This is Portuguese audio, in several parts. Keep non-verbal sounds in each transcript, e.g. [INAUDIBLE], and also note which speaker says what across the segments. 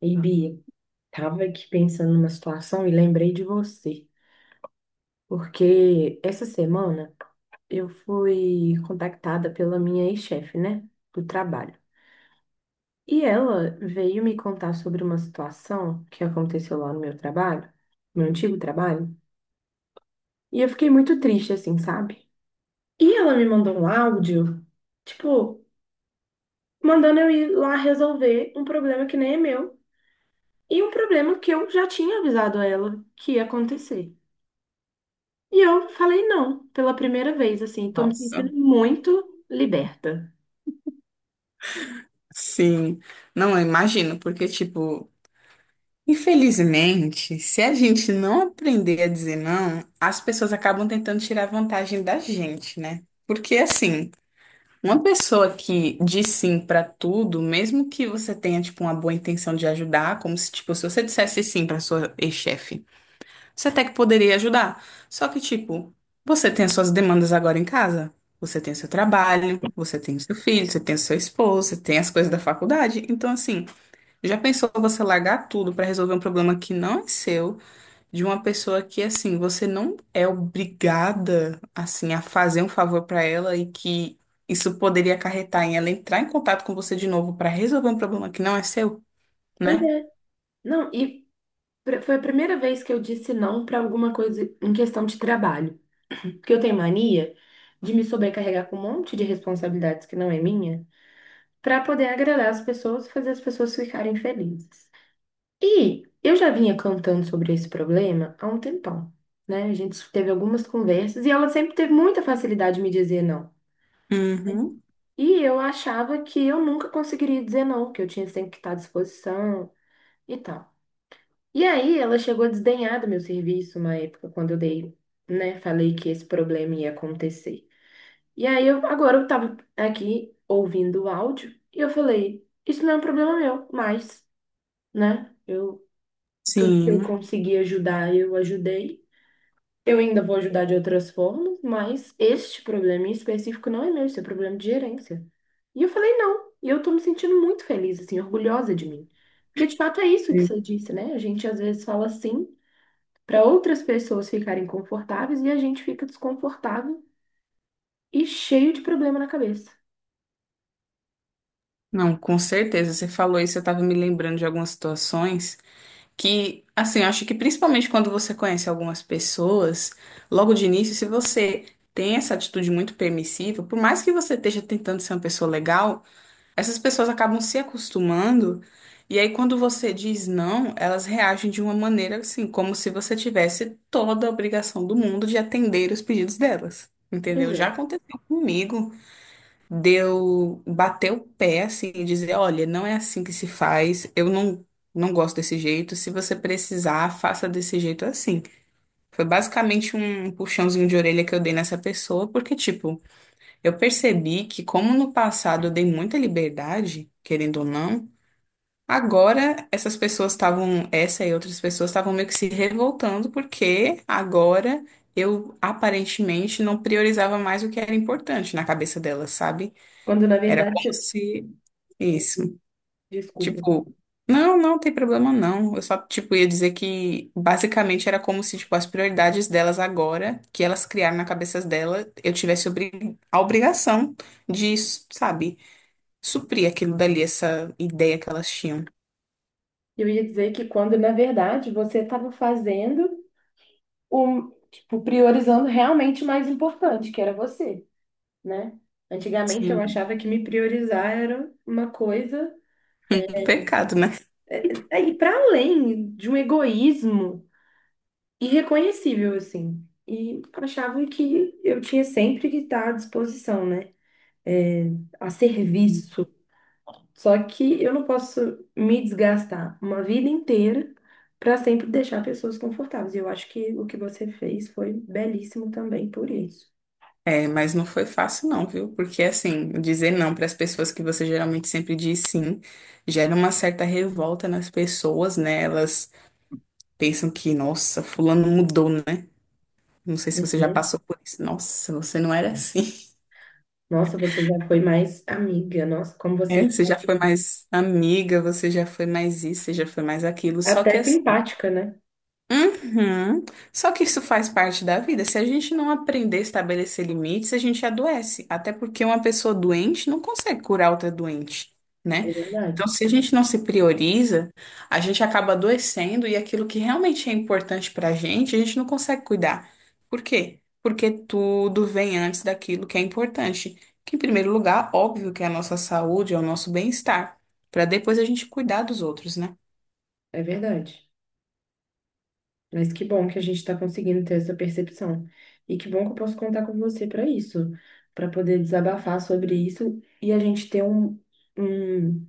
Speaker 1: E Bia, tava aqui pensando numa situação e lembrei de você, porque essa semana eu fui contactada pela minha ex-chefe, né, do trabalho. E ela veio me contar sobre uma situação que aconteceu lá no meu trabalho, meu antigo trabalho, e eu fiquei muito triste assim, sabe? E ela me mandou um áudio, tipo, mandando eu ir lá resolver um problema que nem é meu e um problema que eu já tinha avisado a ela que ia acontecer. E eu falei não, pela primeira vez, assim, tô me
Speaker 2: Nossa,
Speaker 1: sentindo muito liberta.
Speaker 2: sim. Não, eu imagino, porque, tipo, infelizmente, se a gente não aprender a dizer não, as pessoas acabam tentando tirar vantagem da gente, né? Porque, assim, uma pessoa que diz sim pra tudo, mesmo que você tenha, tipo, uma boa intenção de ajudar, como se, tipo, se você dissesse sim pra sua ex-chefe. Você até que poderia ajudar. Só que, tipo, você tem as suas demandas agora em casa. Você tem o seu trabalho, você tem o seu filho, você tem o seu esposo, você tem as coisas da faculdade. Então, assim, já pensou você largar tudo pra resolver um problema que não é seu, de uma pessoa que, assim, você não é obrigada, assim, a fazer um favor pra ela e que isso poderia acarretar em ela entrar em contato com você de novo pra resolver um problema que não é seu,
Speaker 1: Pois
Speaker 2: né?
Speaker 1: é. Não, e foi a primeira vez que eu disse não para alguma coisa em questão de trabalho. Porque eu tenho mania de me sobrecarregar com um monte de responsabilidades que não é minha, para poder agradar as pessoas e fazer as pessoas ficarem felizes. E eu já vinha cantando sobre esse problema há um tempão, né? A gente teve algumas conversas e ela sempre teve muita facilidade de me dizer não.
Speaker 2: Uhum.
Speaker 1: E eu achava que eu nunca conseguiria dizer não, que eu tinha sempre que estar à disposição e tal. E aí ela chegou a desdenhar do meu serviço uma época, quando eu dei, né, falei que esse problema ia acontecer. E aí eu, agora eu tava aqui ouvindo o áudio e eu falei, isso não é um problema meu, mas, né, eu, tudo que eu
Speaker 2: Sim.
Speaker 1: consegui ajudar, eu ajudei. Eu ainda vou ajudar de outras formas, mas este problema em específico não é meu, isso é problema de gerência. E eu falei, não. E eu tô me sentindo muito feliz, assim, orgulhosa de mim. Porque de fato é isso que você disse, né? A gente às vezes fala sim para outras pessoas ficarem confortáveis e a gente fica desconfortável e cheio de problema na cabeça.
Speaker 2: Não, com certeza. Você falou isso, eu estava me lembrando de algumas situações que, assim, eu acho que principalmente quando você conhece algumas pessoas, logo de início, se você tem essa atitude muito permissiva, por mais que você esteja tentando ser uma pessoa legal, essas pessoas acabam se acostumando, e aí quando você diz não, elas reagem de uma maneira assim, como se você tivesse toda a obrigação do mundo de atender os pedidos delas. Entendeu? Já
Speaker 1: Exato.
Speaker 2: aconteceu comigo deu bater o pé assim e dizer, olha, não é assim que se faz, eu não gosto desse jeito, se você precisar, faça desse jeito assim. Foi basicamente um puxãozinho de orelha que eu dei nessa pessoa, porque tipo, eu percebi que como no passado eu dei muita liberdade, querendo ou não, agora essa e outras pessoas estavam meio que se revoltando porque agora eu aparentemente não priorizava mais o que era importante na cabeça delas, sabe?
Speaker 1: Quando na
Speaker 2: Era
Speaker 1: verdade
Speaker 2: como
Speaker 1: você.
Speaker 2: se isso.
Speaker 1: Desculpa.
Speaker 2: Tipo, não, não tem problema não. Eu só, tipo, ia dizer que basicamente era como se, tipo, as prioridades delas agora, que elas criaram na cabeça dela, eu tivesse obri- a obrigação de, sabe, suprir aquilo dali, essa ideia que elas tinham.
Speaker 1: Eu ia dizer que quando na verdade você estava fazendo o, tipo, priorizando realmente o mais importante, que era você, né? Antigamente eu
Speaker 2: Sim. [LAUGHS]
Speaker 1: achava que me priorizar era uma coisa
Speaker 2: Um pecado, né?
Speaker 1: aí para além de um egoísmo irreconhecível assim. E achava que eu tinha sempre que estar à disposição, né? É, a serviço. Só que eu não posso me desgastar uma vida inteira para sempre deixar pessoas confortáveis. E eu acho que o que você fez foi belíssimo também por isso.
Speaker 2: É, mas não foi fácil não, viu? Porque assim, dizer não para as pessoas que você geralmente sempre diz sim, gera uma certa revolta nas pessoas, né? Elas pensam que, nossa, fulano mudou, né? Não sei se você já
Speaker 1: Uhum.
Speaker 2: passou por isso. Nossa, você não era assim. [LAUGHS]
Speaker 1: Nossa, você já foi mais amiga. Nossa, como
Speaker 2: É,
Speaker 1: você já.
Speaker 2: você já foi mais amiga, você já foi mais isso, você já foi mais aquilo. Só que
Speaker 1: Até
Speaker 2: assim,
Speaker 1: simpática, né?
Speaker 2: uhum. Só que isso faz parte da vida. Se a gente não aprender a estabelecer limites, a gente adoece. Até porque uma pessoa doente não consegue curar outra doente,
Speaker 1: É
Speaker 2: né? Então,
Speaker 1: verdade,
Speaker 2: se a gente não se prioriza, a gente acaba adoecendo e aquilo que realmente é importante pra gente, a gente não consegue cuidar. Por quê? Porque tudo vem antes daquilo que é importante. Que, em primeiro lugar, óbvio que é a nossa saúde, é o nosso bem-estar, para depois a gente cuidar dos outros, né?
Speaker 1: é verdade. Mas que bom que a gente está conseguindo ter essa percepção. E que bom que eu posso contar com você para isso, para poder desabafar sobre isso e a gente ter um, um,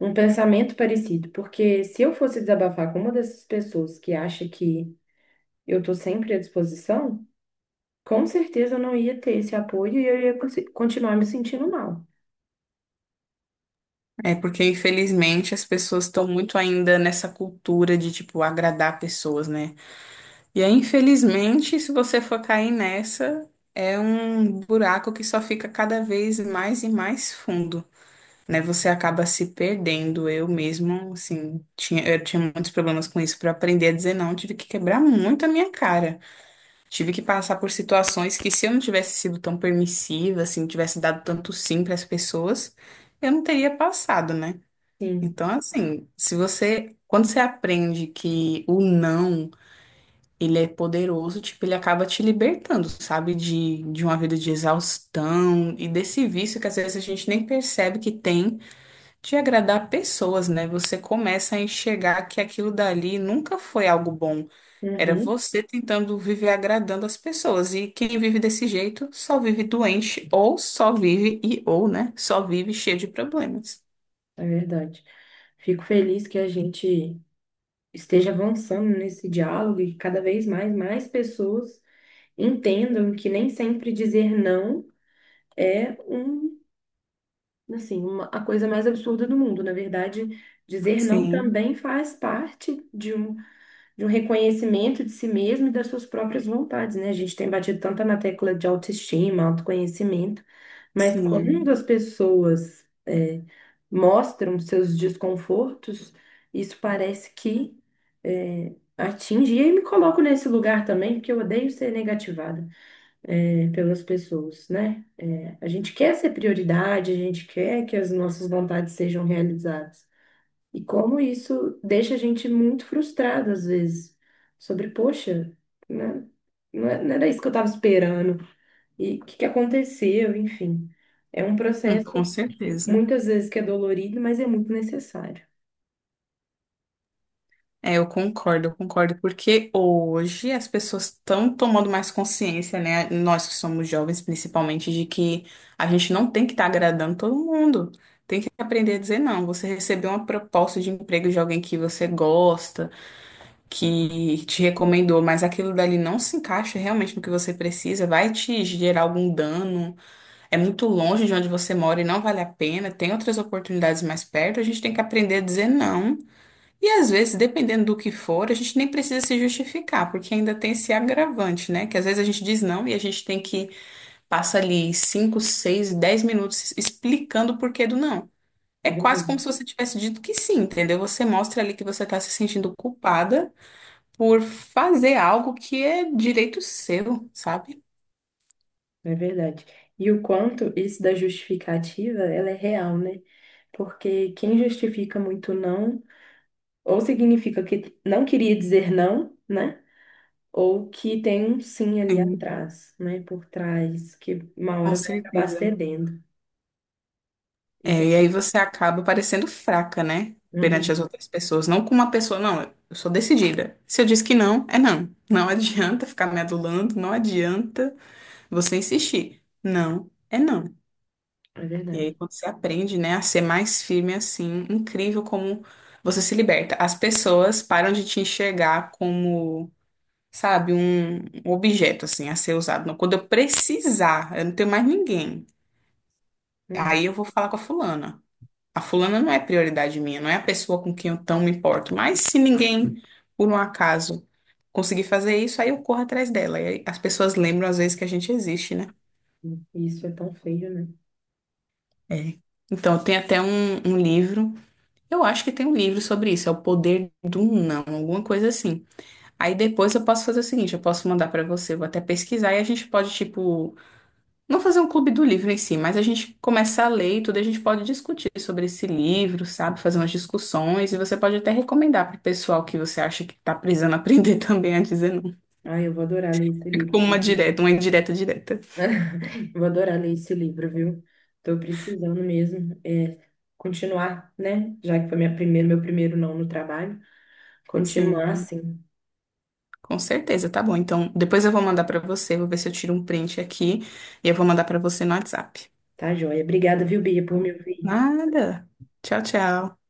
Speaker 1: um pensamento parecido. Porque se eu fosse desabafar com uma dessas pessoas que acha que eu estou sempre à disposição, com certeza eu não ia ter esse apoio e eu ia continuar me sentindo mal.
Speaker 2: É porque, infelizmente, as pessoas estão muito ainda nessa cultura de, tipo, agradar pessoas, né? E aí, infelizmente, se você for cair nessa, é um buraco que só fica cada vez mais e mais fundo, né? Você acaba se perdendo. Eu mesmo, assim, eu tinha muitos problemas com isso. Para aprender a dizer não, tive que quebrar muito a minha cara. Tive que passar por situações que, se eu não tivesse sido tão permissiva, assim, tivesse dado tanto sim para as pessoas, eu não teria passado, né?
Speaker 1: Sim,
Speaker 2: Então, assim, se você, quando você aprende que o não, ele é poderoso, tipo, ele acaba te libertando, sabe, de uma vida de exaustão e desse vício que às vezes a gente nem percebe que tem de agradar pessoas, né? Você começa a enxergar que aquilo dali nunca foi algo bom. Era
Speaker 1: uhum,
Speaker 2: você tentando viver agradando as pessoas. E quem vive desse jeito só vive doente, ou só vive e ou, né? Só vive cheio de problemas.
Speaker 1: é verdade. Fico feliz que a gente esteja avançando nesse diálogo e que cada vez mais, mais pessoas entendam que nem sempre dizer não é um, assim, uma, a coisa mais absurda do mundo. Na verdade, dizer não
Speaker 2: Sim,
Speaker 1: também faz parte de um reconhecimento de si mesmo e das suas próprias vontades, né? A gente tem batido tanto na tecla de autoestima, autoconhecimento, mas quando
Speaker 2: sim.
Speaker 1: as pessoas mostram seus desconfortos, isso parece que atinge. E aí me coloco nesse lugar também, porque eu odeio ser negativada pelas pessoas, né? É, a gente quer ser prioridade, a gente quer que as nossas vontades sejam realizadas. E como isso deixa a gente muito frustrado às vezes, sobre, poxa, né? Não era isso que eu estava esperando. E o que que aconteceu, enfim. É um processo
Speaker 2: Com
Speaker 1: que
Speaker 2: certeza.
Speaker 1: muitas vezes que é dolorido, mas é muito necessário.
Speaker 2: É, eu concordo, porque hoje as pessoas estão tomando mais consciência, né? Nós que somos jovens, principalmente, de que a gente não tem que estar agradando todo mundo. Tem que aprender a dizer não. Você recebeu uma proposta de emprego de alguém que você gosta, que te recomendou, mas aquilo dali não se encaixa realmente no que você precisa, vai te gerar algum dano, é muito longe de onde você mora e não vale a pena, tem outras oportunidades mais perto, a gente tem que aprender a dizer não. E às vezes, dependendo do que for, a gente nem precisa se justificar, porque ainda tem esse agravante, né? Que às vezes a gente diz não e a gente tem que passar ali 5, 6, 10 minutos explicando o porquê do não. É
Speaker 1: É
Speaker 2: quase como
Speaker 1: verdade,
Speaker 2: se você tivesse dito que sim, entendeu? Você mostra ali que você está se sentindo culpada por fazer algo que é direito seu, sabe?
Speaker 1: é verdade. E o quanto isso da justificativa, ela é real, né? Porque quem justifica muito não, ou significa que não queria dizer não, né? Ou que tem um sim ali
Speaker 2: Sim,
Speaker 1: atrás, né, por trás, que uma
Speaker 2: com
Speaker 1: hora vai acabar
Speaker 2: certeza.
Speaker 1: cedendo.
Speaker 2: É,
Speaker 1: Isso
Speaker 2: e aí
Speaker 1: aqui,
Speaker 2: você acaba parecendo fraca, né? Perante as
Speaker 1: uhum,
Speaker 2: outras pessoas. Não com uma pessoa, não, eu sou decidida. Se eu disse que não, é não. Não adianta ficar me adulando, não adianta você insistir. Não, é não.
Speaker 1: é
Speaker 2: E aí
Speaker 1: verdade.
Speaker 2: quando você aprende, né, a ser mais firme assim, incrível como você se liberta. As pessoas param de te enxergar como, sabe, um objeto assim a ser usado. Não, quando eu precisar, eu não tenho mais ninguém. Aí
Speaker 1: Uhum.
Speaker 2: eu vou falar com a fulana. A fulana não é prioridade minha, não é a pessoa com quem eu tão me importo. Mas se ninguém, por um acaso, conseguir fazer isso, aí eu corro atrás dela. E aí as pessoas lembram às vezes que a gente existe, né?
Speaker 1: Uhum. Isso é tão feio, né?
Speaker 2: É. Então, tem até um livro, eu acho que tem um livro sobre isso, é O Poder do Não, alguma coisa assim. Aí depois eu posso fazer o seguinte, eu posso mandar pra você, eu vou até pesquisar e a gente pode, tipo, não fazer um clube do livro em si, mas a gente começar a ler e tudo, a gente pode discutir sobre esse livro, sabe? Fazer umas discussões e você pode até recomendar para o pessoal que você acha que está precisando aprender [LAUGHS] também a dizer não.
Speaker 1: Ah, eu vou adorar ler esse
Speaker 2: Fica
Speaker 1: livro.
Speaker 2: como uma direta, uma indireta direta.
Speaker 1: [LAUGHS] Vou adorar ler esse livro, viu? Tô precisando mesmo é, continuar, né? Já que foi minha primeira, meu primeiro não no trabalho, continuar
Speaker 2: Sim,
Speaker 1: assim,
Speaker 2: com certeza, tá bom. Então, depois eu vou mandar para você, vou ver se eu tiro um print aqui e eu vou mandar para você no WhatsApp.
Speaker 1: tá joia? Obrigada, viu, Bia, por me ouvir.
Speaker 2: Nada. Tchau, tchau.